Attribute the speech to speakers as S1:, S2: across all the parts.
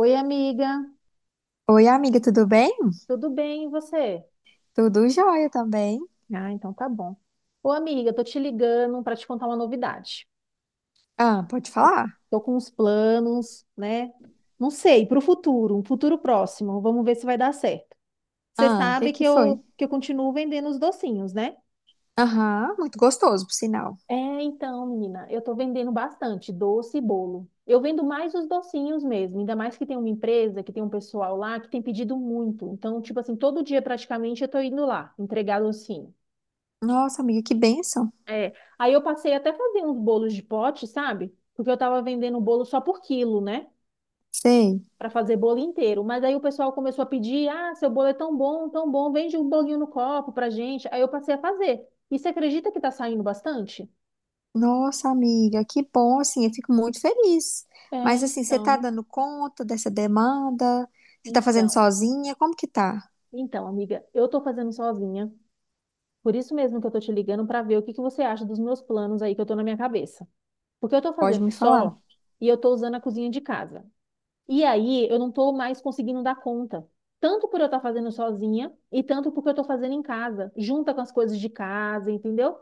S1: Oi, amiga,
S2: Oi, amiga, tudo bem?
S1: tudo bem e você?
S2: Tudo jóia também.
S1: Ah, então tá bom. Ô, amiga, tô te ligando para te contar uma novidade.
S2: Ah, pode falar?
S1: Tô com uns planos, né? Não sei, para o futuro, um futuro próximo. Vamos ver se vai dar certo. Você
S2: Ah, o que
S1: sabe que
S2: que foi?
S1: eu continuo vendendo os docinhos, né?
S2: Aham, muito gostoso, por sinal.
S1: É, então, menina, eu tô vendendo bastante doce e bolo. Eu vendo mais os docinhos mesmo, ainda mais que tem uma empresa, que tem um pessoal lá que tem pedido muito. Então, tipo assim, todo dia praticamente eu tô indo lá entregar docinho.
S2: Nossa, amiga, que bênção.
S1: É. Aí eu passei até a fazer uns bolos de pote, sabe? Porque eu tava vendendo bolo só por quilo, né?
S2: Sei.
S1: Pra fazer bolo inteiro. Mas aí o pessoal começou a pedir: ah, seu bolo é tão bom, vende um bolinho no copo pra gente. Aí eu passei a fazer. E você acredita que tá saindo bastante?
S2: Nossa, amiga, que bom, assim, eu fico muito feliz.
S1: É,
S2: Mas, assim, você tá
S1: então,
S2: dando conta dessa demanda? Você tá fazendo
S1: então.
S2: sozinha? Como que tá?
S1: Então, amiga, eu tô fazendo sozinha. Por isso mesmo que eu tô te ligando pra ver o que que você acha dos meus planos aí que eu tô na minha cabeça. Porque eu tô
S2: Pode
S1: fazendo
S2: me
S1: só
S2: falar?
S1: e eu tô usando a cozinha de casa. E aí eu não estou mais conseguindo dar conta. Tanto por eu estar fazendo sozinha e tanto porque eu estou fazendo em casa, junta com as coisas de casa, entendeu?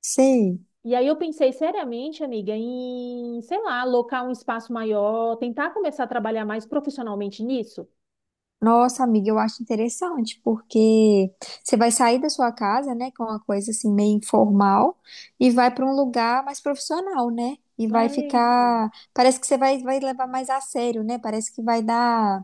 S2: Sei.
S1: E aí eu pensei seriamente, amiga, em, sei lá, alocar um espaço maior, tentar começar a trabalhar mais profissionalmente nisso.
S2: Nossa, amiga, eu acho interessante, porque você vai sair da sua casa, né, com uma coisa assim meio informal e vai para um lugar mais profissional, né? E vai
S1: É, então.
S2: ficar, parece que você vai, vai levar mais a sério, né? Parece que vai dar,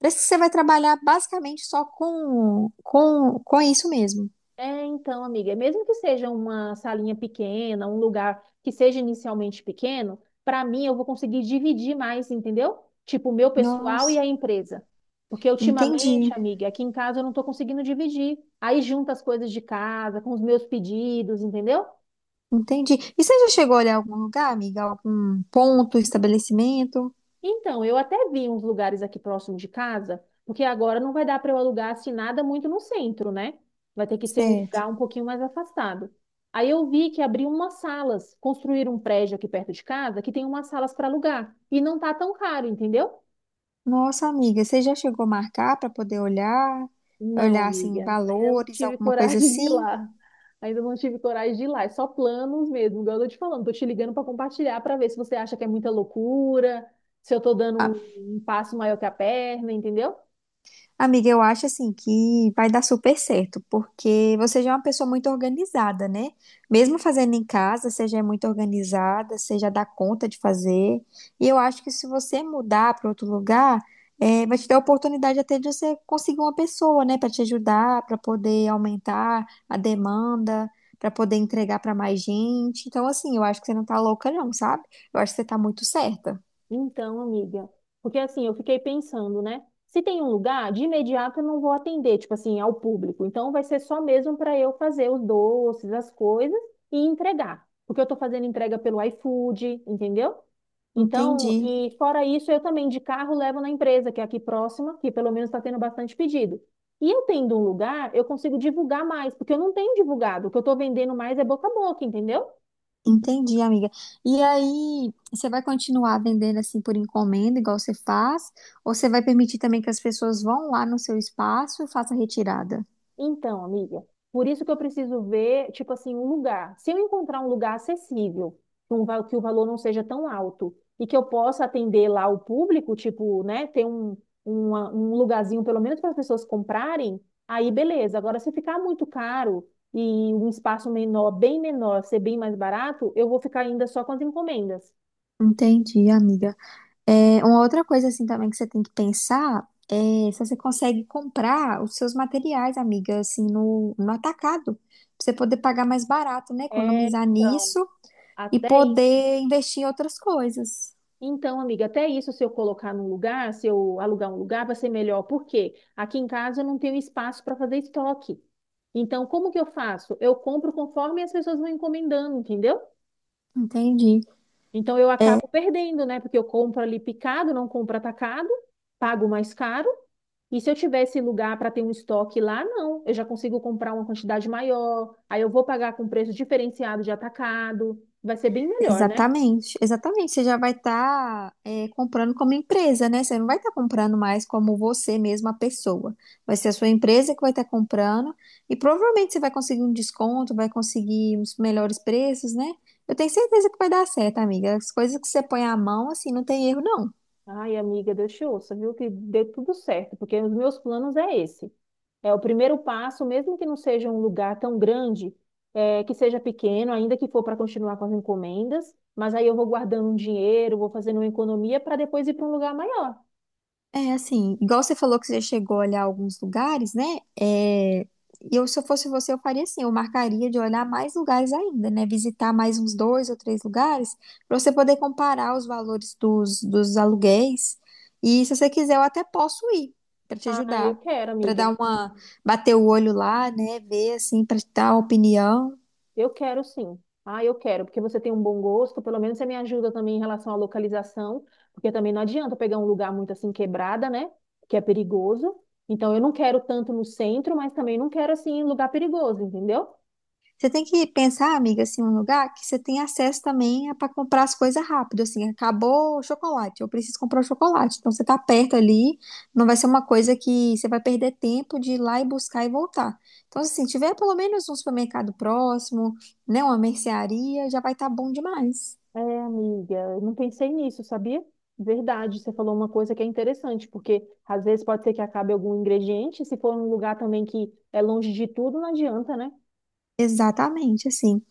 S2: parece que você vai trabalhar basicamente só com isso mesmo.
S1: É, então, amiga, mesmo que seja uma salinha pequena, um lugar que seja inicialmente pequeno, para mim eu vou conseguir dividir mais, entendeu? Tipo, o meu pessoal e
S2: Nossa,
S1: a empresa. Porque ultimamente,
S2: entendi.
S1: amiga, aqui em casa eu não estou conseguindo dividir. Aí junta as coisas de casa com os meus pedidos, entendeu?
S2: Entendi. E você já chegou a olhar algum lugar, amiga? Algum ponto, estabelecimento?
S1: Então, eu até vi uns lugares aqui próximo de casa, porque agora não vai dar para eu alugar assim nada muito no centro, né? Vai ter que ser um
S2: Certo.
S1: lugar um pouquinho mais afastado. Aí eu vi que abriram umas salas, construíram um prédio aqui perto de casa que tem umas salas para alugar e não tá tão caro, entendeu?
S2: Nossa, amiga, você já chegou a marcar para poder olhar?
S1: Não,
S2: Olhar
S1: amiga,
S2: assim,
S1: ainda não
S2: valores,
S1: tive
S2: alguma coisa
S1: coragem de ir
S2: assim?
S1: lá. Ainda não tive coragem de ir lá, é só planos mesmo, igual eu tô te falando, tô te ligando para compartilhar para ver se você acha que é muita loucura, se eu tô dando um passo maior que a perna, entendeu?
S2: Amiga, eu acho assim que vai dar super certo, porque você já é uma pessoa muito organizada, né? Mesmo fazendo em casa, você já é muito organizada, você já dá conta de fazer. E eu acho que se você mudar para outro lugar, vai te dar a oportunidade até de você conseguir uma pessoa, né, para te ajudar, para poder aumentar a demanda, para poder entregar para mais gente. Então, assim, eu acho que você não tá louca, não, sabe? Eu acho que você tá muito certa.
S1: Então, amiga, porque assim, eu fiquei pensando, né? Se tem um lugar, de imediato eu não vou atender, tipo assim, ao público. Então vai ser só mesmo para eu fazer os doces, as coisas e entregar. Porque eu tô fazendo entrega pelo iFood, entendeu? Então,
S2: Entendi.
S1: e fora isso, eu também de carro levo na empresa, que é aqui próxima, que pelo menos está tendo bastante pedido. E eu tendo um lugar, eu consigo divulgar mais, porque eu não tenho divulgado. O que eu estou vendendo mais é boca a boca, entendeu?
S2: Entendi, amiga. E aí, você vai continuar vendendo assim por encomenda, igual você faz? Ou você vai permitir também que as pessoas vão lá no seu espaço e façam a retirada?
S1: Então, amiga, por isso que eu preciso ver, tipo assim, um lugar. Se eu encontrar um lugar acessível, que, um, que o valor não seja tão alto e que eu possa atender lá o público, tipo, né, ter um lugarzinho pelo menos para as pessoas comprarem, aí beleza. Agora, se ficar muito caro e um espaço menor, bem menor, ser bem mais barato, eu vou ficar ainda só com as encomendas.
S2: Entendi, amiga. É, uma outra coisa assim também que você tem que pensar é se você consegue comprar os seus materiais, amiga, assim, no atacado, pra você poder pagar mais barato, né?
S1: É,
S2: Economizar
S1: então,
S2: nisso e
S1: até isso.
S2: poder investir em outras coisas.
S1: Então, amiga, até isso, se eu colocar num lugar, se eu alugar um lugar, vai ser melhor. Por quê? Aqui em casa eu não tenho espaço para fazer estoque. Então, como que eu faço? Eu compro conforme as pessoas vão encomendando, entendeu?
S2: Entendi.
S1: Então, eu
S2: É,
S1: acabo perdendo, né? Porque eu compro ali picado, não compro atacado, pago mais caro. E se eu tivesse lugar para ter um estoque lá, não. Eu já consigo comprar uma quantidade maior. Aí eu vou pagar com preço diferenciado de atacado. Vai ser bem melhor, né?
S2: exatamente, exatamente. Você já vai estar comprando como empresa, né? Você não vai estar comprando mais como você mesma, a pessoa. Vai ser a sua empresa que vai estar comprando e provavelmente você vai conseguir um desconto, vai conseguir uns melhores preços, né? Eu tenho certeza que vai dar certo, amiga. As coisas que você põe a mão, assim, não tem erro, não.
S1: Ai, amiga, Deus te ouça, viu? Que dê tudo certo, porque os meus planos é esse. É o primeiro passo, mesmo que não seja um lugar tão grande, é, que seja pequeno, ainda que for para continuar com as encomendas, mas aí eu vou guardando um dinheiro, vou fazendo uma economia para depois ir para um lugar maior.
S2: É assim, igual você falou que você chegou a olhar alguns lugares, né? É, eu, se eu fosse você, eu faria assim, eu marcaria de olhar mais lugares ainda, né? Visitar mais uns dois ou três lugares, para você poder comparar os valores dos aluguéis. E se você quiser, eu até posso ir para te
S1: Ai, eu
S2: ajudar,
S1: quero,
S2: para dar
S1: amiga.
S2: uma, bater o olho lá, né? Ver assim, para dar uma opinião.
S1: Eu quero sim. Ah, eu quero, porque você tem um bom gosto, pelo menos você me ajuda também em relação à localização, porque também não adianta pegar um lugar muito assim quebrada, né? Que é perigoso. Então eu não quero tanto no centro, mas também não quero assim em lugar perigoso, entendeu?
S2: Você tem que pensar, amiga, assim, um lugar que você tem acesso também para comprar as coisas rápido, assim, acabou o chocolate, eu preciso comprar o chocolate. Então você tá perto ali, não vai ser uma coisa que você vai perder tempo de ir lá e buscar e voltar. Então, assim, tiver pelo menos um supermercado próximo, né, uma mercearia, já vai estar bom demais.
S1: É, amiga, eu não pensei nisso, sabia? Verdade, você falou uma coisa que é interessante, porque às vezes pode ser que acabe algum ingrediente, se for um lugar também que é longe de tudo, não adianta, né?
S2: Exatamente, assim.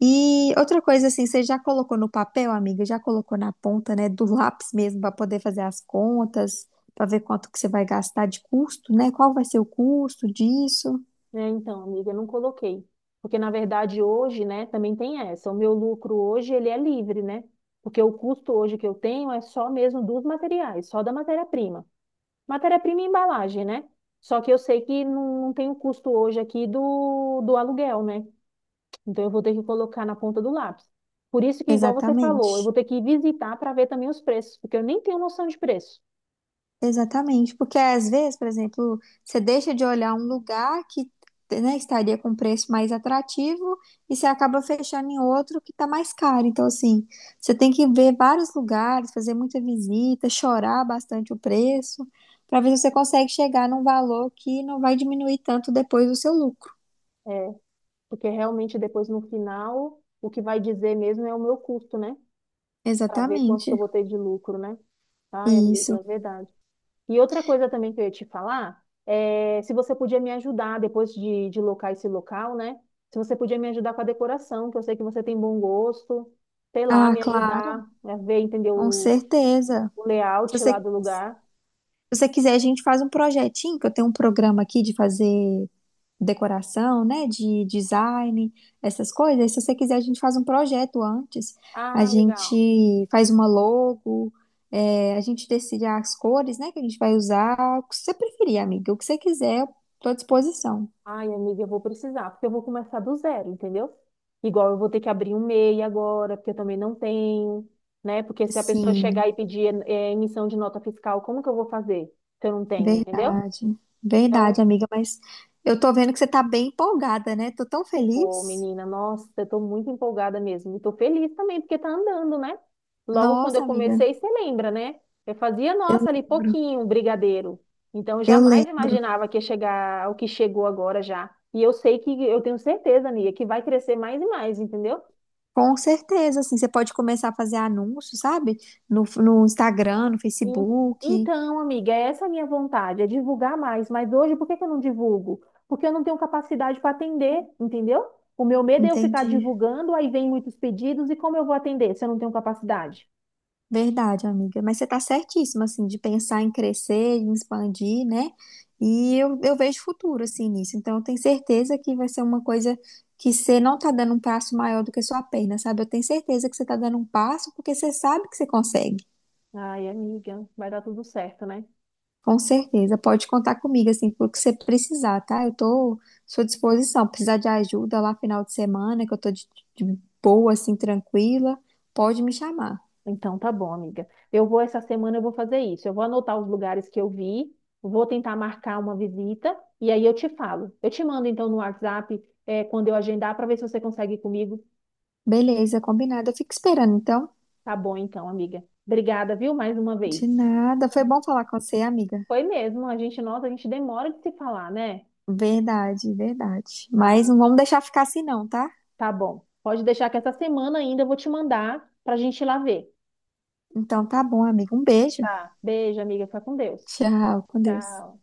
S2: E outra coisa assim, você já colocou no papel, amiga? Já colocou na ponta, né, do lápis mesmo para poder fazer as contas, para ver quanto que você vai gastar de custo, né? Qual vai ser o custo disso?
S1: É, então, amiga, eu não coloquei. Porque, na verdade, hoje, né, também tem essa. O meu lucro hoje, ele é livre, né? Porque o custo hoje que eu tenho é só mesmo dos materiais, só da matéria-prima. Matéria-prima e embalagem, né? Só que eu sei que não tem o custo hoje aqui do aluguel, né? Então, eu vou ter que colocar na ponta do lápis. Por isso que, igual você falou, eu
S2: Exatamente.
S1: vou ter que visitar para ver também os preços, porque eu nem tenho noção de preço.
S2: Exatamente, porque às vezes, por exemplo, você deixa de olhar um lugar que, né, estaria com preço mais atrativo e você acaba fechando em outro que está mais caro. Então, assim, você tem que ver vários lugares, fazer muita visita, chorar bastante o preço, para ver se você consegue chegar num valor que não vai diminuir tanto depois o seu lucro.
S1: É, porque realmente depois no final, o que vai dizer mesmo é o meu custo, né? Para ver quanto que eu
S2: Exatamente.
S1: vou ter de lucro, né? Ai, amiga,
S2: Isso.
S1: é verdade. E outra coisa também que eu ia te falar é se você podia me ajudar depois de locar esse local, né? Se você podia me ajudar com a decoração, que eu sei que você tem bom gosto, sei lá,
S2: Ah,
S1: me
S2: claro,
S1: ajudar a ver, entender
S2: com certeza.
S1: o
S2: Se
S1: layout lá
S2: você,
S1: do
S2: se
S1: lugar.
S2: você quiser, a gente faz um projetinho, que eu tenho um programa aqui de fazer decoração, né, de design, essas coisas. Se você quiser, a gente faz um projeto antes. A
S1: Ah, legal.
S2: gente faz uma logo, é, a gente decide as cores, né, que a gente vai usar, o que você preferir, amiga, o que você quiser, eu tô à disposição.
S1: Ai, amiga, eu vou precisar, porque eu vou começar do zero, entendeu? Igual eu vou ter que abrir um MEI agora, porque eu também não tenho, né? Porque se a pessoa
S2: Sim,
S1: chegar e pedir emissão de nota fiscal, como que eu vou fazer se eu não tenho, entendeu?
S2: verdade.
S1: Então,
S2: Verdade, amiga, mas eu tô vendo que você tá bem empolgada, né? Tô tão
S1: pô,
S2: feliz.
S1: menina, nossa, eu tô muito empolgada mesmo. E tô feliz também, porque tá andando, né? Logo quando eu
S2: Nossa, amiga,
S1: comecei, você lembra, né? Eu fazia,
S2: eu
S1: nossa, ali
S2: lembro.
S1: pouquinho, um brigadeiro. Então, eu
S2: Eu
S1: jamais
S2: lembro.
S1: imaginava que ia chegar ao que chegou agora já. E eu sei que, eu tenho certeza, amiga, que vai crescer mais e mais, entendeu?
S2: Com certeza, assim, você pode começar a fazer anúncios, sabe? No Instagram, no
S1: E-
S2: Facebook.
S1: Então, amiga, essa é a minha vontade, é divulgar mais. Mas hoje, por que que eu não divulgo? Porque eu não tenho capacidade para atender, entendeu? O meu medo é eu ficar
S2: Entendi.
S1: divulgando, aí vem muitos pedidos, e como eu vou atender se eu não tenho capacidade?
S2: Verdade, amiga. Mas você tá certíssima, assim, de pensar em crescer, em expandir, né? E eu vejo futuro, assim, nisso. Então, eu tenho certeza que vai ser uma coisa que você não tá dando um passo maior do que a sua perna, sabe? Eu tenho certeza que você tá dando um passo porque você sabe que você consegue.
S1: Ai, amiga, vai dar tudo certo, né?
S2: Com certeza, pode contar comigo, assim, pelo que você precisar, tá? Eu tô à sua disposição. Precisar de ajuda lá final de semana, que eu tô de boa, assim, tranquila, pode me chamar.
S1: Então tá bom, amiga. Eu vou essa semana, eu vou fazer isso. Eu vou anotar os lugares que eu vi, vou tentar marcar uma visita e aí eu te falo. Eu te mando então no WhatsApp, é, quando eu agendar, para ver se você consegue ir comigo.
S2: Beleza, combinado. Eu fico esperando, então.
S1: Tá bom então, amiga. Obrigada, viu? Mais uma vez.
S2: De nada. Foi bom falar com você, amiga.
S1: Foi mesmo, a gente, nossa, a gente demora de se falar, né?
S2: Verdade, verdade. Mas
S1: Ah,
S2: não vamos deixar ficar assim, não, tá?
S1: tá bom. Pode deixar que essa semana ainda eu vou te mandar pra gente ir lá ver.
S2: Então tá bom, amiga. Um beijo.
S1: Tá. Beijo, amiga. Fica com Deus.
S2: Tchau, com Deus.
S1: Tchau.